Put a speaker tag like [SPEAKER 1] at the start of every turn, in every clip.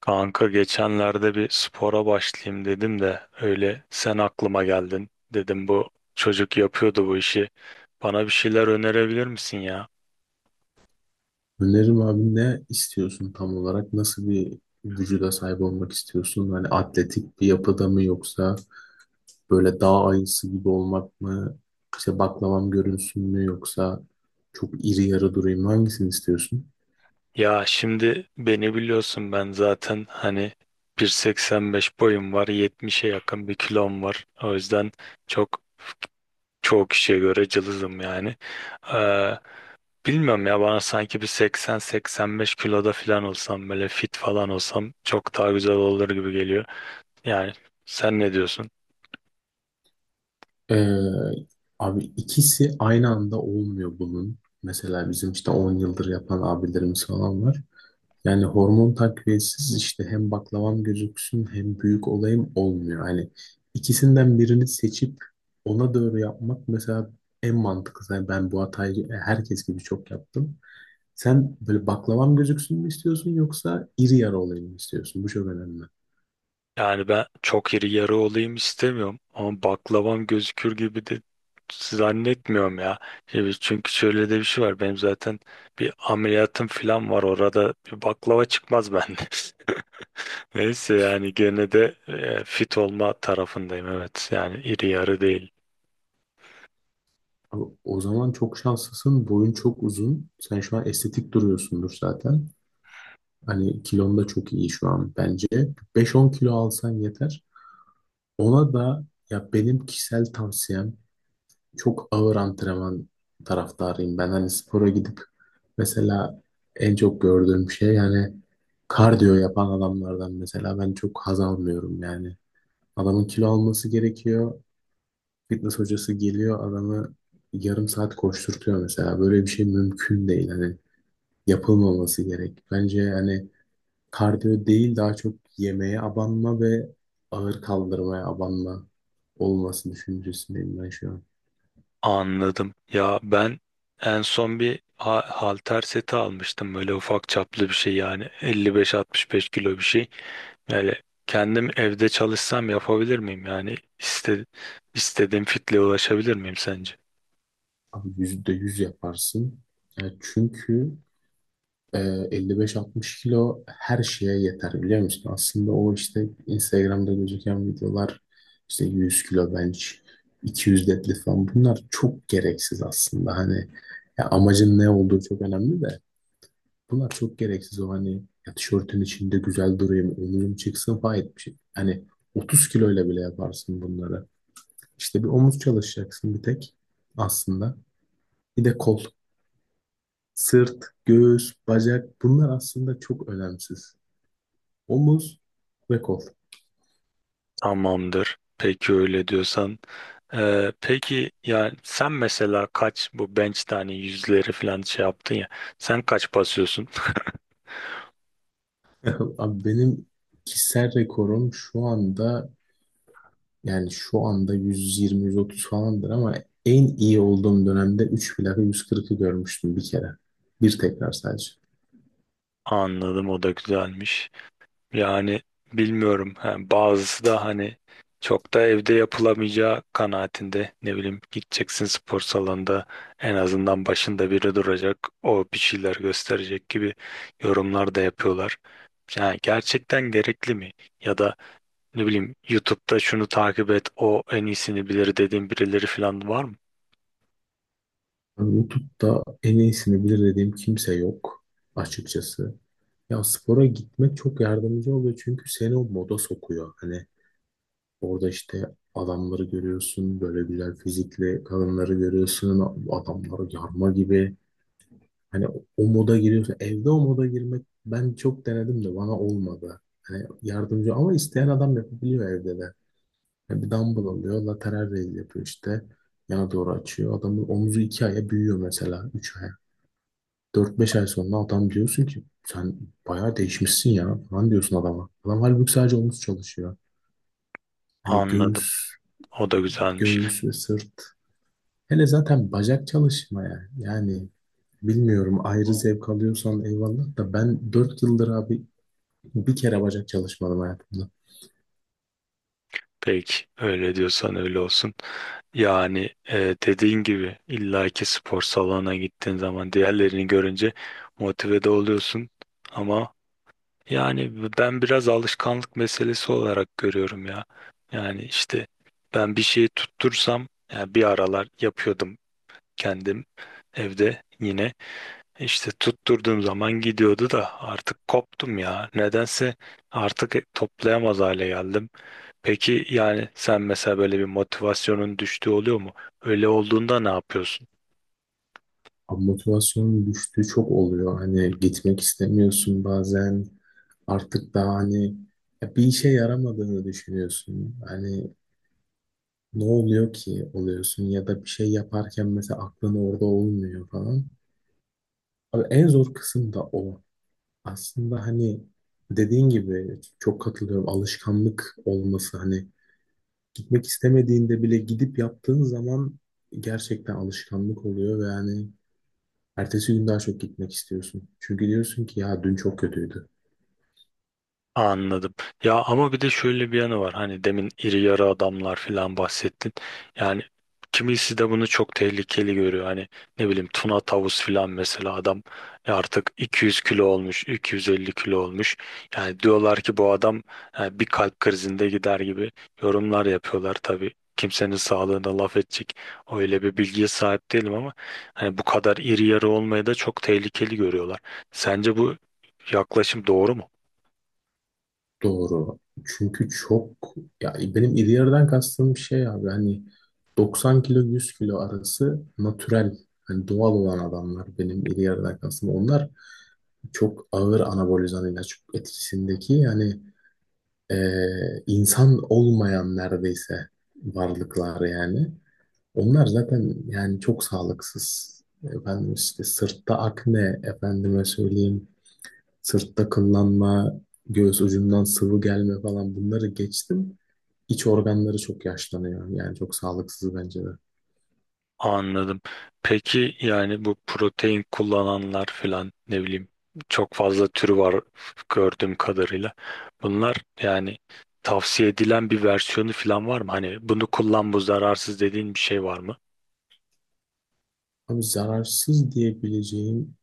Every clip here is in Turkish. [SPEAKER 1] Kanka geçenlerde bir spora başlayayım dedim de öyle sen aklıma geldin. Dedim bu çocuk yapıyordu bu işi. Bana bir şeyler önerebilir misin ya?
[SPEAKER 2] Önerim abi ne istiyorsun tam olarak? Nasıl bir vücuda sahip olmak istiyorsun? Hani atletik bir yapıda mı yoksa böyle dağ ayısı gibi olmak mı? İşte baklavam görünsün mü yoksa çok iri yarı durayım mı? Hangisini istiyorsun?
[SPEAKER 1] Ya şimdi beni biliyorsun, ben zaten hani 1.85 boyum var, 70'e yakın bir kilom var. O yüzden çok çoğu kişiye göre cılızım yani. Ee, bilmiyorum ya, bana sanki bir 80-85 kiloda falan olsam, böyle fit falan olsam çok daha güzel olur gibi geliyor. Yani sen ne diyorsun?
[SPEAKER 2] Ee, abi ikisi aynı anda olmuyor bunun. Mesela bizim işte 10 yıldır yapan abilerimiz falan var. Yani hormon takviyesiz işte hem baklavam gözüksün hem büyük olayım olmuyor. Hani ikisinden birini seçip ona doğru yapmak mesela en mantıklısı. Yani ben bu hatayı herkes gibi çok yaptım. Sen böyle baklavam gözüksün mü istiyorsun yoksa iri yarı olayım mı istiyorsun? Bu çok önemli.
[SPEAKER 1] Yani ben çok iri yarı olayım istemiyorum ama baklavam gözükür gibi de zannetmiyorum ya. Şimdi çünkü şöyle de bir şey var. Benim zaten bir ameliyatım falan var. Orada bir baklava çıkmaz bende. Neyse, yani gene de fit olma tarafındayım. Evet, yani iri yarı değil.
[SPEAKER 2] Abi o zaman çok şanslısın. Boyun çok uzun. Sen şu an estetik duruyorsundur zaten. Hani kilon da çok iyi şu an bence. 5-10 kilo alsan yeter. Ona da ya benim kişisel tavsiyem çok ağır antrenman taraftarıyım. Ben hani spora gidip mesela en çok gördüğüm şey yani kardiyo yapan adamlardan mesela ben çok haz almıyorum yani. Adamın kilo alması gerekiyor. Fitness hocası geliyor adamı yarım saat koşturtuyor mesela. Böyle bir şey mümkün değil. Hani yapılmaması gerek. Bence hani kardiyo değil daha çok yemeğe abanma ve ağır kaldırmaya abanma olması düşüncesindeyim ben şu an.
[SPEAKER 1] Anladım. Ya ben en son bir halter seti almıştım. Böyle ufak çaplı bir şey, yani 55-65 kilo bir şey. Yani kendim evde çalışsam yapabilir miyim? Yani istediğim fitle ulaşabilir miyim sence?
[SPEAKER 2] Abi %100 yaparsın. Ya çünkü Ee, 55-60 kilo her şeye yeter biliyor musun? Aslında o işte Instagram'da gözüken videolar işte 100 kilo bench, 200 deadlift falan bunlar çok gereksiz aslında. Hani ya amacın ne olduğu çok önemli de bunlar çok gereksiz o hani ya tişörtün içinde güzel durayım, omuzum çıksın falan bir şey. Hani 30 kiloyla bile yaparsın bunları. İşte bir omuz çalışacaksın bir tek aslında. Bir de kol, sırt, göğüs, bacak bunlar aslında çok önemsiz. Omuz ve kol.
[SPEAKER 1] Tamamdır. Peki, öyle diyorsan. Peki yani sen mesela kaç bu bench tane yüzleri falan şey yaptın ya. Sen kaç basıyorsun?
[SPEAKER 2] Abi benim kişisel rekorum şu anda yani şu anda 120-130 falandır ama en iyi olduğum dönemde 3 plaka 140'ı görmüştüm bir kere. Bir tekrar sadece.
[SPEAKER 1] Anladım, o da güzelmiş. Yani bilmiyorum. Ha, bazısı da hani çok da evde yapılamayacağı kanaatinde. Ne bileyim, gideceksin spor salonunda en azından başında biri duracak. O bir şeyler gösterecek gibi yorumlar da yapıyorlar. Yani gerçekten gerekli mi? Ya da ne bileyim, YouTube'da şunu takip et, o en iyisini bilir dediğin birileri falan var mı?
[SPEAKER 2] Yani YouTube'da en iyisini bilir dediğim kimse yok açıkçası. Ya spora gitmek çok yardımcı oluyor çünkü seni o moda sokuyor. Hani orada işte adamları görüyorsun, böyle güzel fizikli kadınları görüyorsun, adamları yarma gibi. Hani o moda giriyorsun. Evde o moda girmek ben çok denedim de bana olmadı. Hani yardımcı ama isteyen adam yapabiliyor evde de. Hani bir dumbbell alıyor, lateral raise yapıyor işte. Yana doğru açıyor. Adamın omuzu 2 aya büyüyor mesela. 3 aya. 4-5 ay sonra adam diyorsun ki sen bayağı değişmişsin ya falan diyorsun adama. Adam halbuki sadece omuz çalışıyor. Hani
[SPEAKER 1] Anladım.
[SPEAKER 2] göğüs,
[SPEAKER 1] O da güzelmiş.
[SPEAKER 2] göğüs ve sırt. Hele zaten bacak çalışmaya. Yani bilmiyorum ayrı zevk alıyorsan eyvallah da ben 4 yıldır abi bir kere bacak çalışmadım hayatımda.
[SPEAKER 1] Peki öyle diyorsan öyle olsun. Yani dediğin gibi illaki spor salonuna gittiğin zaman diğerlerini görünce motive de oluyorsun. Ama yani ben biraz alışkanlık meselesi olarak görüyorum ya. Yani işte ben bir şeyi tuttursam, yani bir aralar yapıyordum kendim evde yine, işte tutturduğum zaman gidiyordu da artık koptum ya. Nedense artık toplayamaz hale geldim. Peki yani sen mesela böyle bir motivasyonun düştüğü oluyor mu? Öyle olduğunda ne yapıyorsun?
[SPEAKER 2] Abi motivasyonun düştüğü çok oluyor. Hani gitmek istemiyorsun bazen. Artık daha hani ya bir işe yaramadığını düşünüyorsun. Hani ne oluyor ki oluyorsun ya da bir şey yaparken mesela aklın orada olmuyor falan. Abi en zor kısım da o. Aslında hani dediğin gibi çok katılıyorum. Alışkanlık olması hani gitmek istemediğinde bile gidip yaptığın zaman gerçekten alışkanlık oluyor ve hani ertesi gün daha çok gitmek istiyorsun. Çünkü diyorsun ki ya dün çok kötüydü.
[SPEAKER 1] Anladım. Ya ama bir de şöyle bir yanı var. Hani demin iri yarı adamlar falan bahsettin. Yani kimisi de bunu çok tehlikeli görüyor. Hani ne bileyim, tuna tavus falan, mesela adam ya artık 200 kilo olmuş, 250 kilo olmuş. Yani diyorlar ki bu adam yani bir kalp krizinde gider gibi yorumlar yapıyorlar tabii. Kimsenin sağlığına laf edecek öyle bir bilgiye sahip değilim ama hani bu kadar iri yarı olmayı da çok tehlikeli görüyorlar. Sence bu yaklaşım doğru mu?
[SPEAKER 2] Doğru. Çünkü çok ya benim iri yarıdan kastığım şey abi hani 90 kilo 100 kilo arası natürel hani doğal olan adamlar benim iri yarıdan kastım. Onlar çok ağır anabolizan ilaç etkisindeki yani insan olmayan neredeyse varlıklar yani. Onlar zaten yani çok sağlıksız. Efendim işte sırtta akne, efendime söyleyeyim sırtta kıllanma, göğüs ucundan sıvı gelme falan bunları geçtim. İç organları çok yaşlanıyor. Yani çok sağlıksız bence de.
[SPEAKER 1] Anladım. Peki yani bu protein kullananlar filan, ne bileyim, çok fazla türü var gördüğüm kadarıyla. Bunlar yani tavsiye edilen bir versiyonu filan var mı? Hani bunu kullan, bu zararsız dediğin bir şey var mı?
[SPEAKER 2] Abi zararsız diyebileceğim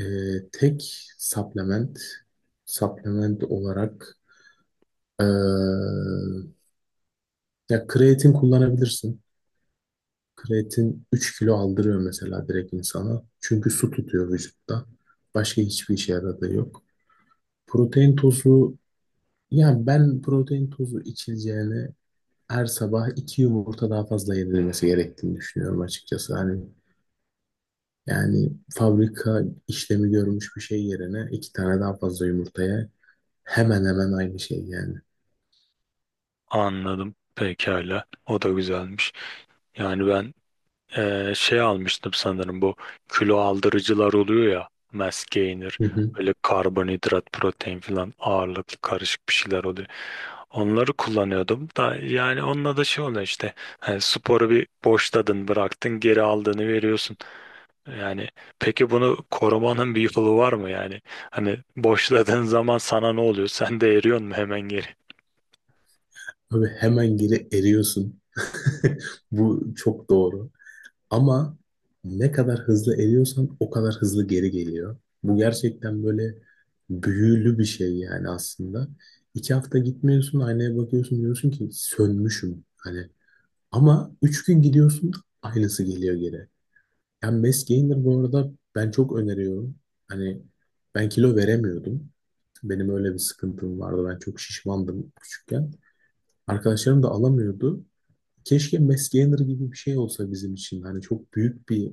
[SPEAKER 2] e, tek supplement olarak e, ya kreatin kullanabilirsin. Kreatin 3 kilo aldırıyor mesela direkt insana. Çünkü su tutuyor vücutta. Başka hiçbir işe yaradığı yok. Protein tozu yani ben protein tozu içileceğine her sabah iki yumurta daha fazla yedirilmesi gerektiğini düşünüyorum açıkçası. Hani yani fabrika işlemi görmüş bir şey yerine iki tane daha fazla yumurtaya hemen hemen aynı şey yani.
[SPEAKER 1] Anladım. Pekala. O da güzelmiş. Yani ben şey almıştım sanırım, bu kilo aldırıcılar oluyor ya, mass gainer,
[SPEAKER 2] Hı hı.
[SPEAKER 1] böyle karbonhidrat protein falan ağırlıklı karışık bir şeyler oluyor. Onları kullanıyordum da yani onunla da şey oluyor işte, hani sporu bir boşladın bıraktın, geri aldığını veriyorsun. Yani peki bunu korumanın bir yolu var mı yani? Hani boşladığın zaman sana ne oluyor? Sen de eriyorsun mu hemen geri?
[SPEAKER 2] Abi hemen geri eriyorsun. Bu çok doğru. Ama ne kadar hızlı eriyorsan o kadar hızlı geri geliyor. Bu gerçekten böyle büyülü bir şey yani aslında. 2 hafta gitmiyorsun aynaya bakıyorsun diyorsun ki sönmüşüm. Hani ama 3 gün gidiyorsun aynısı geliyor geri. Yani mass gainer bu arada ben çok öneriyorum. Hani ben kilo veremiyordum. Benim öyle bir sıkıntım vardı. Ben çok şişmandım küçükken. Arkadaşlarım da alamıyordu. Keşke mass gainer gibi bir şey olsa bizim için. Hani çok büyük bir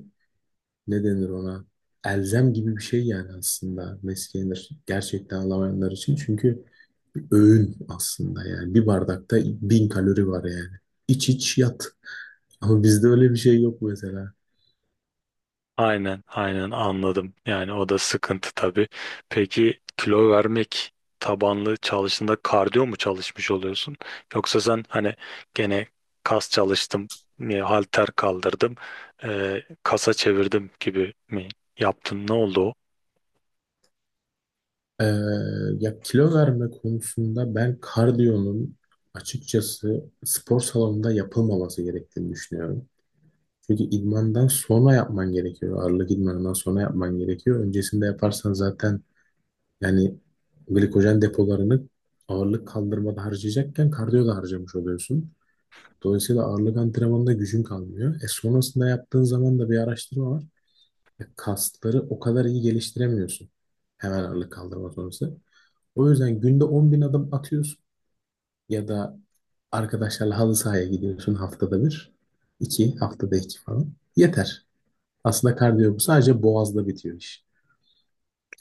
[SPEAKER 2] ne denir ona? Elzem gibi bir şey yani aslında mass gainer gerçekten alamayanlar için. Çünkü öğün aslında yani. Bir bardakta 1.000 kalori var yani. İç iç yat. Ama bizde öyle bir şey yok mesela.
[SPEAKER 1] Aynen, aynen, anladım. Yani o da sıkıntı tabii. Peki kilo vermek tabanlı çalıştığında kardiyo mu çalışmış oluyorsun? Yoksa sen hani gene kas çalıştım, halter kaldırdım, kasa çevirdim gibi mi yaptın? Ne oldu o?
[SPEAKER 2] Ee, ya kilo verme konusunda ben kardiyonun açıkçası spor salonunda yapılmaması gerektiğini düşünüyorum. Çünkü idmandan sonra yapman gerekiyor. Ağırlık idmanından sonra yapman gerekiyor. Öncesinde yaparsan zaten yani glikojen depolarını ağırlık kaldırmada harcayacakken kardiyo da harcamış oluyorsun. Dolayısıyla ağırlık antrenmanında gücün kalmıyor. E sonrasında yaptığın zaman da bir araştırma var. Ya kasları o kadar iyi geliştiremiyorsun. Hemen ağırlık kaldırma sonrası. O yüzden günde 10.000 adım atıyorsun ya da arkadaşlarla halı sahaya gidiyorsun haftada bir, iki, haftada iki falan. Yeter. Aslında kardiyo bu. Sadece boğazda bitiyor iş.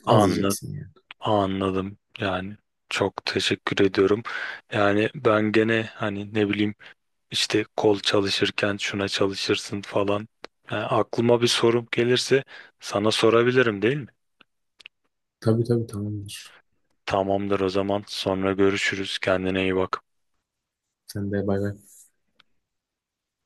[SPEAKER 2] Az yiyeceksin yani.
[SPEAKER 1] Anladım. Yani çok teşekkür ediyorum. Yani ben gene hani ne bileyim, işte kol çalışırken şuna çalışırsın falan. Yani aklıma bir sorum gelirse sana sorabilirim değil mi?
[SPEAKER 2] Tabii tabii tamamdır.
[SPEAKER 1] Tamamdır o zaman. Sonra görüşürüz. Kendine iyi bak.
[SPEAKER 2] Sen de bay bay.